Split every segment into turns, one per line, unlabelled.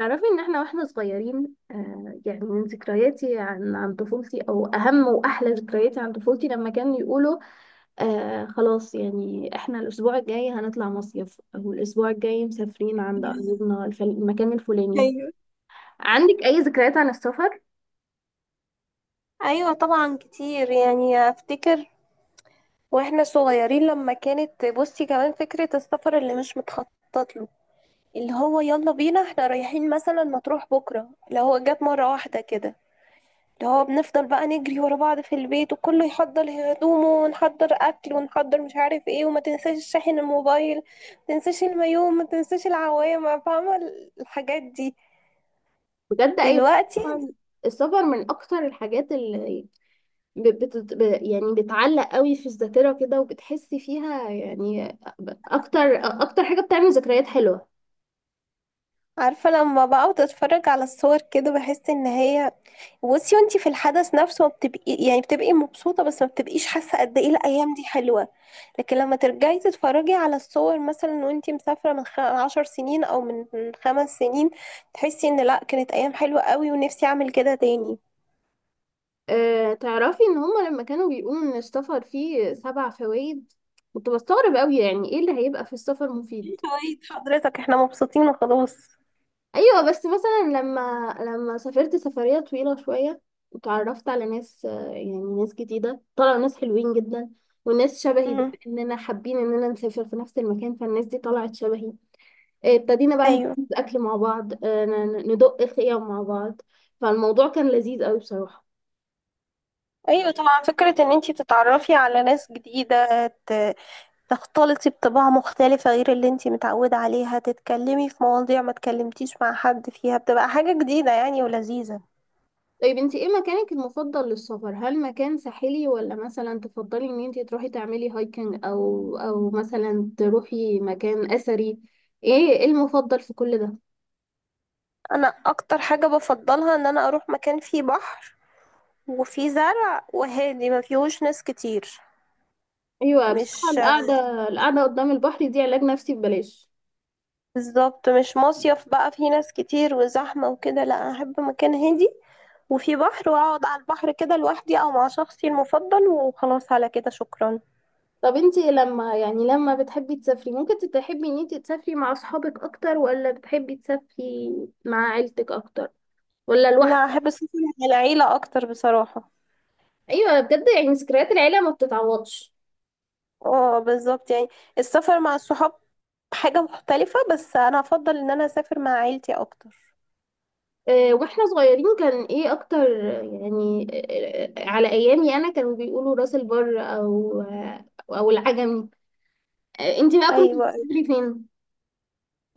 تعرفي ان احنا واحنا صغيرين يعني من ذكرياتي عن طفولتي او اهم واحلى ذكرياتي عن طفولتي لما كانوا يقولوا خلاص يعني احنا الاسبوع الجاي هنطلع مصيف او الاسبوع الجاي مسافرين عند قريبنا المكان الفلاني.
ايوه،
عندك اي ذكريات عن السفر؟
ايوه طبعا كتير يعني افتكر واحنا صغيرين، لما كانت بصي كمان فكرة السفر اللي مش متخطط له. اللي هو يلا بينا، احنا رايحين مثلا مطروح بكرة، اللي هو جت مرة واحدة كده. اللي هو بنفضل بقى نجري ورا بعض في البيت، وكله يحضر هدومه ونحضر اكل ونحضر مش عارف ايه، وما تنساش شاحن الموبايل، ما تنساش المايو، ما تنساش العوامة، فاهمة؟ الحاجات دي
بجد اي؟
دلوقتي.
طبعاً، السفر من اكتر الحاجات اللي يعني بتعلق قوي في الذاكرة كده وبتحسي فيها، يعني اكتر حاجة بتعمل ذكريات حلوة.
عارفة لما بقى بتتفرج على الصور كده، بحس ان هي، بصي وانتي في الحدث نفسه ما بتبقي يعني بتبقي مبسوطة، بس ما بتبقيش حاسة قد ايه الأيام دي حلوة. لكن لما ترجعي تتفرجي على الصور مثلا وانتي مسافرة من 10 سنين أو من 5 سنين، تحسي ان لأ كانت أيام حلوة قوي ونفسي أعمل كده تاني.
أه، تعرفي ان هما لما كانوا بيقولوا ان السفر فيه 7 فوائد كنت بستغرب قوي، يعني ايه اللي هيبقى في السفر
ايه
مفيد.
فوايد حضرتك؟ احنا مبسوطين وخلاص.
ايوه، بس مثلا لما سافرت سفرية طويلة شوية وتعرفت على ناس، يعني ناس جديدة طلعوا ناس حلوين جدا، وناس شبهي، بما
مم.
اننا حابين اننا نسافر في نفس المكان فالناس دي طلعت شبهي. ابتدينا بقى
ايوه.
نجيب اكل مع بعض، ندق خيام مع بعض، فالموضوع كان لذيذ قوي بصراحة.
ايوه طبعا، فكرة ان انتي تتعرفي على ناس جديدة، تختلطي بطباع مختلفة غير اللي انتي متعودة عليها، تتكلمي في مواضيع ما تكلمتيش مع حد فيها، بتبقى حاجة جديدة يعني ولذيذة.
طيب، انت ايه مكانك المفضل للسفر؟ هل مكان ساحلي، ولا مثلا تفضلي ان انت تروحي تعملي هايكنج، او مثلا تروحي مكان اثري؟ ايه المفضل في كل ده؟
انا اكتر حاجة بفضلها ان انا اروح مكان فيه بحر وفيه زرع وهادي ما فيهوش ناس كتير.
ايوه بصراحه
مش.
القعده، القعده قدام البحر دي علاج نفسي ببلاش.
بالظبط، مش مصيف بقى فيه ناس كتير وزحمة وكده. لا انا احب مكان هادي وفي بحر، واقعد على البحر كده لوحدي او مع شخصي المفضل وخلاص على كده شكرا.
طب انت لما لما بتحبي تسافري، ممكن تحبي ان انت تسافري مع اصحابك اكتر، ولا بتحبي تسافري مع عيلتك اكتر، ولا لوحدك؟
لا، احب السفر مع العيلة اكتر بصراحة.
ايوه، بجد يعني ذكريات العيله ما بتتعوضش.
اه بالظبط يعني، السفر مع الصحاب حاجة مختلفة، بس انا افضل ان انا اسافر مع عيلتي اكتر.
واحنا صغيرين كان ايه اكتر، يعني، على ايامي انا كانوا بيقولوا راس البر، او العجمي. انتي بقى كنتي
ايوه،
بتسافري فين؟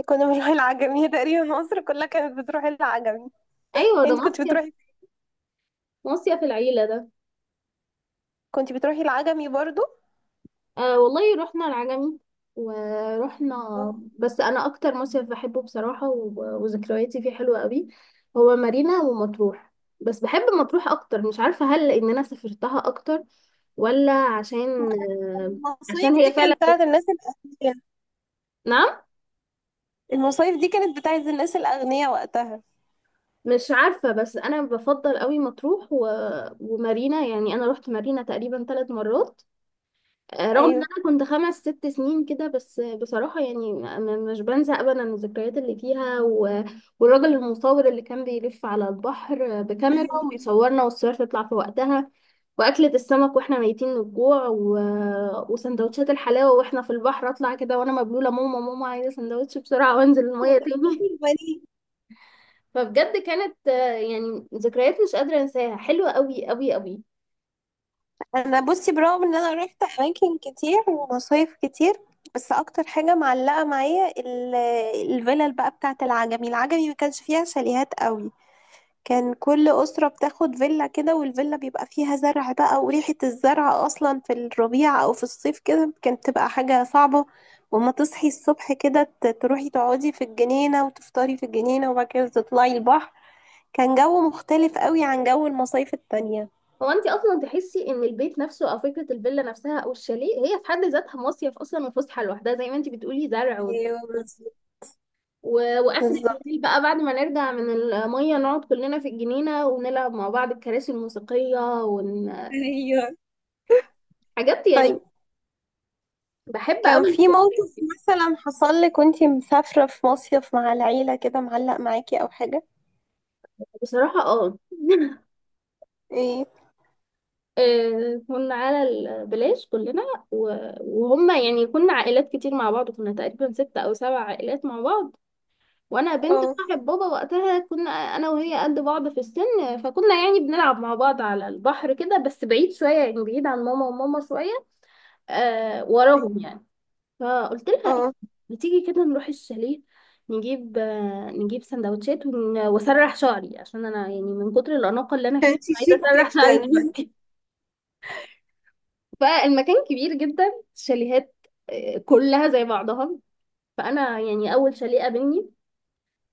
كنا بنروح العجمي هي تقريبا مصر كلها كانت بتروح العجمي.
ايوه ده
انت كنت
مصيف،
بتروحي؟
مصيف العيله ده.
كنت بتروحي العجمي برضو؟
والله رحنا العجمي، ورحنا.
آه.
بس انا اكتر مصيف بحبه بصراحه وذكرياتي فيه حلوه قوي، هو مارينا ومطروح. بس بحب مطروح اكتر، مش عارفه هل ان انا سافرتها اكتر ولا عشان
المصايف
عشان هي
دي
فعلا.
كانت بتاعت الناس الأغنياء.
نعم،
المصايف دي كانت بتاعت الناس الأغنياء وقتها.
مش عارفة، بس أنا بفضل قوي مطروح ومارينا. يعني أنا روحت مارينا تقريبا 3 مرات، رغم إن
ايوه.
أنا كنت 5 6 سنين كده، بس بصراحة يعني مش بنسى أبدا الذكريات اللي فيها والراجل المصور اللي كان بيلف على البحر بكاميرا ويصورنا والصور تطلع في وقتها، وأكلة السمك وإحنا ميتين من الجوع وسندوتشات الحلاوة وإحنا في البحر. أطلع كده وأنا مبلولة، ماما ماما عايزة سندوتش بسرعة وأنزل المية تاني. فبجد كانت، يعني ذكريات مش قادرة انساها، حلوة قوي قوي قوي.
انا بصي برغم ان انا رحت اماكن كتير ومصايف كتير، بس اكتر حاجه معلقه معايا الفيلل بقى بتاعه العجمي. العجمي ما كانش فيها شاليهات قوي. كان كل اسره بتاخد فيلا كده، والفيلا بيبقى فيها زرع بقى، وريحه الزرع اصلا في الربيع او في الصيف كده كانت تبقى حاجه صعبه. وما تصحي الصبح كده تروحي تقعدي في الجنينه، وتفطري في الجنينه، وبعد كده تطلعي البحر. كان جو مختلف قوي عن جو المصايف التانية.
هو انت اصلا تحسي ان البيت نفسه، او فكرة الفيلا نفسها، او الشاليه، هي في حد ذاتها مصيف اصلا وفسحة لوحدها. زي ما انت بتقولي، زرع
ايوه بالظبط.
و... واخر
بالظبط.
الليل بقى بعد ما نرجع من المية نقعد كلنا في الجنينة ونلعب مع بعض الكراسي الموسيقية ون...
ايوه.
حاجات يعني
طيب،
بحب
كان
قوي.
في موقف مثلا حصل لك وانتي مسافرة في مصيف مع العيلة كده معلق معاكي او حاجة؟
بصراحة اه
ايه؟
كنا على البلاج كلنا، وهم يعني كنا عائلات كتير مع بعض، كنا تقريبا 6 أو 7 عائلات مع بعض، وأنا بنت
اه.
صاحب بابا وقتها كنا أنا وهي قد بعض في السن، فكنا يعني بنلعب مع بعض على البحر كده بس بعيد شوية، يعني بعيد عن ماما وماما شوية، آه
أيوة.
وراهم يعني. فقلت لها إيه،
اه،
ما تيجي كده نروح الشاليه نجيب، نجيب سندوتشات واسرح شعري، عشان انا يعني من كتر الاناقه اللي انا فيها
كانت
عايزه
شيك
اسرح شعري
جدا
دلوقتي. فالمكان كبير جدا، شاليهات، كلها زي بعضها. فانا يعني اول شاليه قابلني،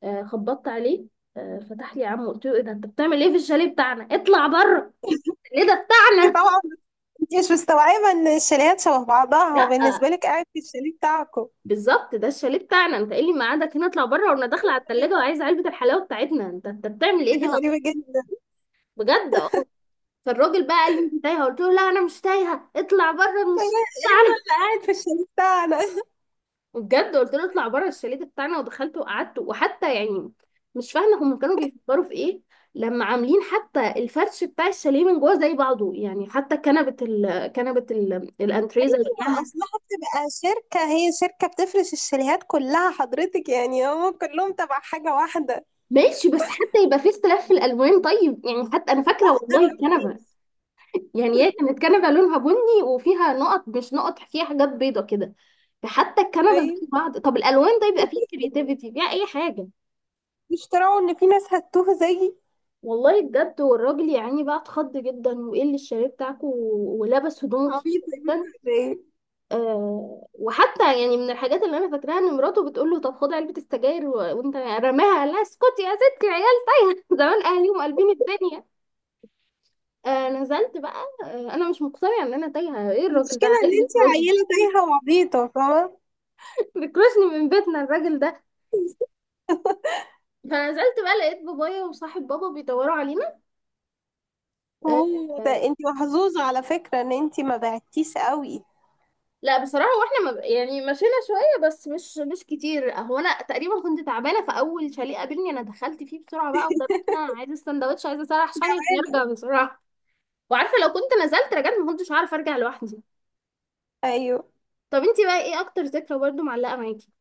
خبطت عليه، فتح لي عمه. قلت له ايه ده، انت بتعمل ايه في الشاليه بتاعنا، اطلع بره. ليه ده
انت
بتاعنا؟
طبعا، انت مش مستوعبة ان الشاليهات شبه بعضها، هو
لا،
بالنسبة لك قاعد في الشاليه بتاعكم
بالظبط ده الشاليه بتاعنا، انت ايه اللي ميعادك هنا، اطلع بره، وانا داخله على التلاجة وعايزه علبه الحلاوه بتاعتنا. انت بتعمل ايه
حاجة
هنا؟
غريبة جدا.
بجد اه. فالراجل بقى قال لي انت تايهه، قلت له لا انا مش تايهه، اطلع بره من الشاليه.
انت اللي قاعد في الشاليه بتاعنا.
وبجد قلت له اطلع بره، الشاليه ده بتاعنا، ودخلت وقعدت، وحتى يعني مش فاهمه هم كانوا بيفكروا في ايه لما عاملين حتى الفرش بتاع الشاليه من جوه زي بعضه. يعني حتى كنبه الانتريه زي بعضها.
اصلها بتبقى شركة، هي شركة بتفرش الشاليهات كلها حضرتك، يعني هم كلهم تبع حاجة واحدة
ماشي، بس حتى يبقى في اختلاف في الالوان، طيب. يعني حتى انا فاكره،
أنا
والله
ما
الكنبه،
فيش-
يعني هي كانت كنبه لونها بني وفيها نقط، مش نقط، فيها حاجات بيضه كده. حتى الكنبه
أيوة.
زي بعض، طب الالوان ده يبقى فيه كرياتيفيتي فيها اي حاجه.
بيشتروا ان في ناس هتوه زيي.
والله بجد، والراجل يعني بقى اتخض جدا، وايه اللي الشاليه بتاعكوا، ولبس هدومه بسرعه
عبيطة يا بنت
جدا.
ولا ايه؟
آه، وحتى يعني من الحاجات اللي انا فاكراها ان مراته بتقول له طب خد علبه السجاير وانت رماها، لا اسكتي يا ستي العيال تايهه زمان اهاليهم قلبين الدنيا. آه، نزلت بقى. آه، انا مش مقتنعه ان انا تايهه، ايه الراجل ده
المشكلة ان
عايز
انت
يكرشني؟
عيلة تايهة وعبيطة، فاهمة.
بيكرشني من بيتنا الراجل ده. فنزلت بقى لقيت بابايا وصاحب بابا بيدوروا علينا.
هو ده
آه.
انت محظوظة على فكرة، ان انت ما بعتيش قوي.
لا بصراحة، واحنا ما يعني مشينا شوية بس، مش كتير. هو انا تقريبا كنت تعبانة، في اول شاليه قابلني انا دخلت فيه بسرعة بقى، ودمتنا عايزة السندوتش، عايزة اسرح شعري عشان ارجع بسرعة. وعارفة لو كنت نزلت رجعت ما كنتش عارفة ارجع لوحدي.
ايوه.
طب انتي بقى ايه اكتر ذكرى برضو معلقة معاكي؟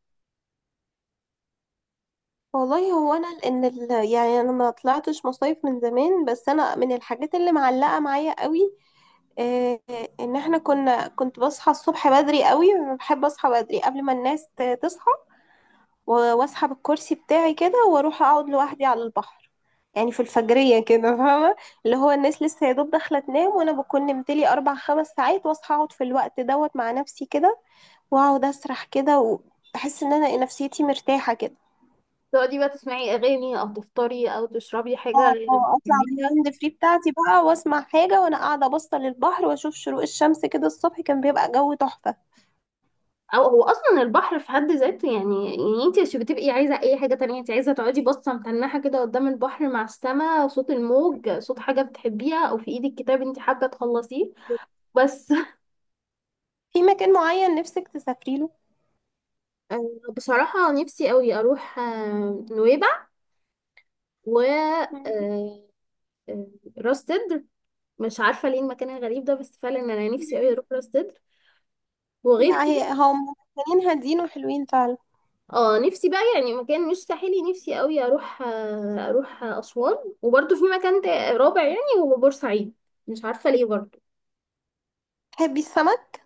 والله هو انا لان يعني انا ما طلعتش مصايف من زمان، بس انا من الحاجات اللي معلقة معايا قوي، آه، ان احنا كنا، كنت بصحى الصبح بدري قوي، بحب اصحى بدري قبل ما الناس تصحى، و واسحب الكرسي بتاعي كده واروح اقعد لوحدي على البحر، يعني في الفجرية كده فاهمة. اللي هو الناس لسه يا دوب داخلة تنام، وانا بكون نمت لي 4 5 ساعات واصحى اقعد في الوقت دوت مع نفسي كده، واقعد اسرح كده، وبحس ان انا نفسيتي مرتاحة كده.
تقعدي بقى تسمعي اغاني، او تفطري، او تشربي حاجة
آه، اه اطلع من
بتحبيها،
الهاند فري بتاعتي بقى واسمع حاجة وانا قاعدة باصة للبحر، واشوف شروق الشمس كده. الصبح كان بيبقى جو تحفة.
او هو اصلا البحر في حد ذاته، يعني يعني انت مش بتبقي عايزه اي حاجه تانية، انت عايزه تقعدي باصه متنحه كده قدام البحر، مع السماء، صوت الموج، صوت حاجه بتحبيها، او في ايدك كتاب انت حابه تخلصيه بس
في مكان معين نفسك تسافري له؟
آه، بصراحه نفسي قوي اروح نويبع، و آه،
مم.
آه، راس سدر. مش عارفه ليه المكان الغريب ده، بس فعلا انا نفسي قوي اروح راس سدر. وغير
لا،
كده،
هي هم مكانين هادين وحلوين فعلا.
اه نفسي بقى يعني مكان مش ساحلي، نفسي قوي اروح، اروح اسوان. وبرده في مكان رابع، يعني هو بورسعيد، مش عارفه ليه برضه.
تحبي السمك؟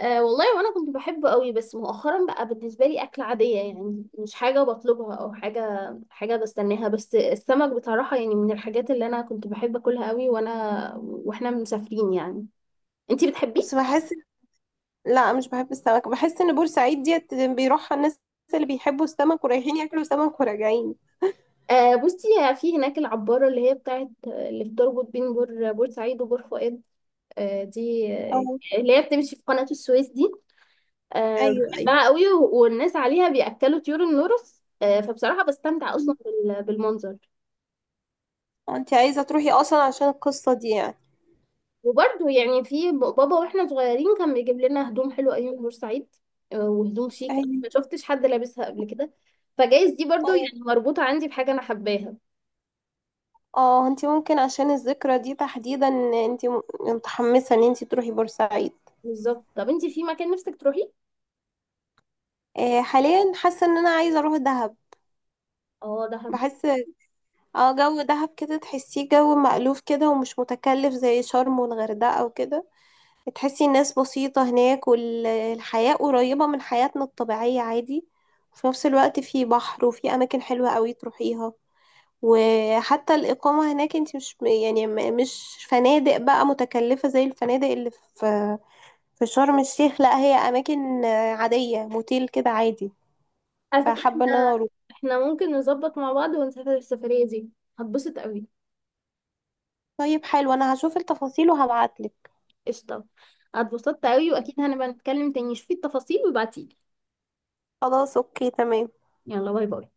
أه والله، وانا كنت بحبه قوي، بس مؤخرا بقى بالنسبه لي اكل عاديه، يعني مش حاجه بطلبها او حاجه بستناها، بس السمك بصراحه يعني من الحاجات اللي انا كنت بحب اكلها قوي، واحنا مسافرين يعني. انتي بتحبيه؟
بس بحس، لا مش بحب السمك، بحس ان بورسعيد ديت بيروحها الناس اللي بيحبوا السمك، ورايحين ياكلوا سمك وراجعين.
أه بصي، في هناك العبارة اللي هي بتاعت اللي بتربط بين بورسعيد وبور فؤاد، آه، دي آه،
اه.
اللي هي بتمشي في قناة السويس دي،
ايوه ايوه.
بحبها قوي، والناس عليها بيأكلوا طيور النورس، فبصراحة بستمتع أصلا بالمنظر.
أه، انت عايزه تروحي اصلا عشان القصه دي يعني.
وبرده يعني في بابا واحنا صغيرين كان بيجيب لنا هدوم حلوة أيام بورسعيد، وهدوم شيك أنا
ايوه
ما شفتش حد لابسها قبل كده، فجايز دي برضو
ايوه.
يعني مربوطة عندي بحاجة أنا حباها.
اه، انت ممكن عشان الذكرى دي تحديدا، انت متحمسه ان انت تروحي بورسعيد.
بالظبط. طب انتي في مكان نفسك تروحي؟
حاليا حاسه ان انا عايزه اروح دهب.
اه دهب.
بحس، اه، جو دهب كده تحسيه جو مألوف كده ومش متكلف زي شرم والغردقه وكده. تحسي الناس بسيطة هناك، والحياة قريبة من حياتنا الطبيعية عادي. وفي نفس الوقت في بحر وفي أماكن حلوة قوي تروحيها. وحتى الإقامة هناك انت مش يعني، مش فنادق بقى متكلفة زي الفنادق اللي في في شرم الشيخ. لا هي أماكن عادية، موتيل كده عادي.
على فكرة
فحابة إن أنا
احنا،
أروح.
ممكن نظبط مع بعض ونسافر السفرية دي، هتبسط قوي.
طيب حلو، أنا هشوف التفاصيل وهبعتلك.
قشطة. اتبسطت قوي، واكيد هنبقى نتكلم تاني، شوفي التفاصيل وابعتيلي.
خلاص أوكي تمام.
يلا، باي باي.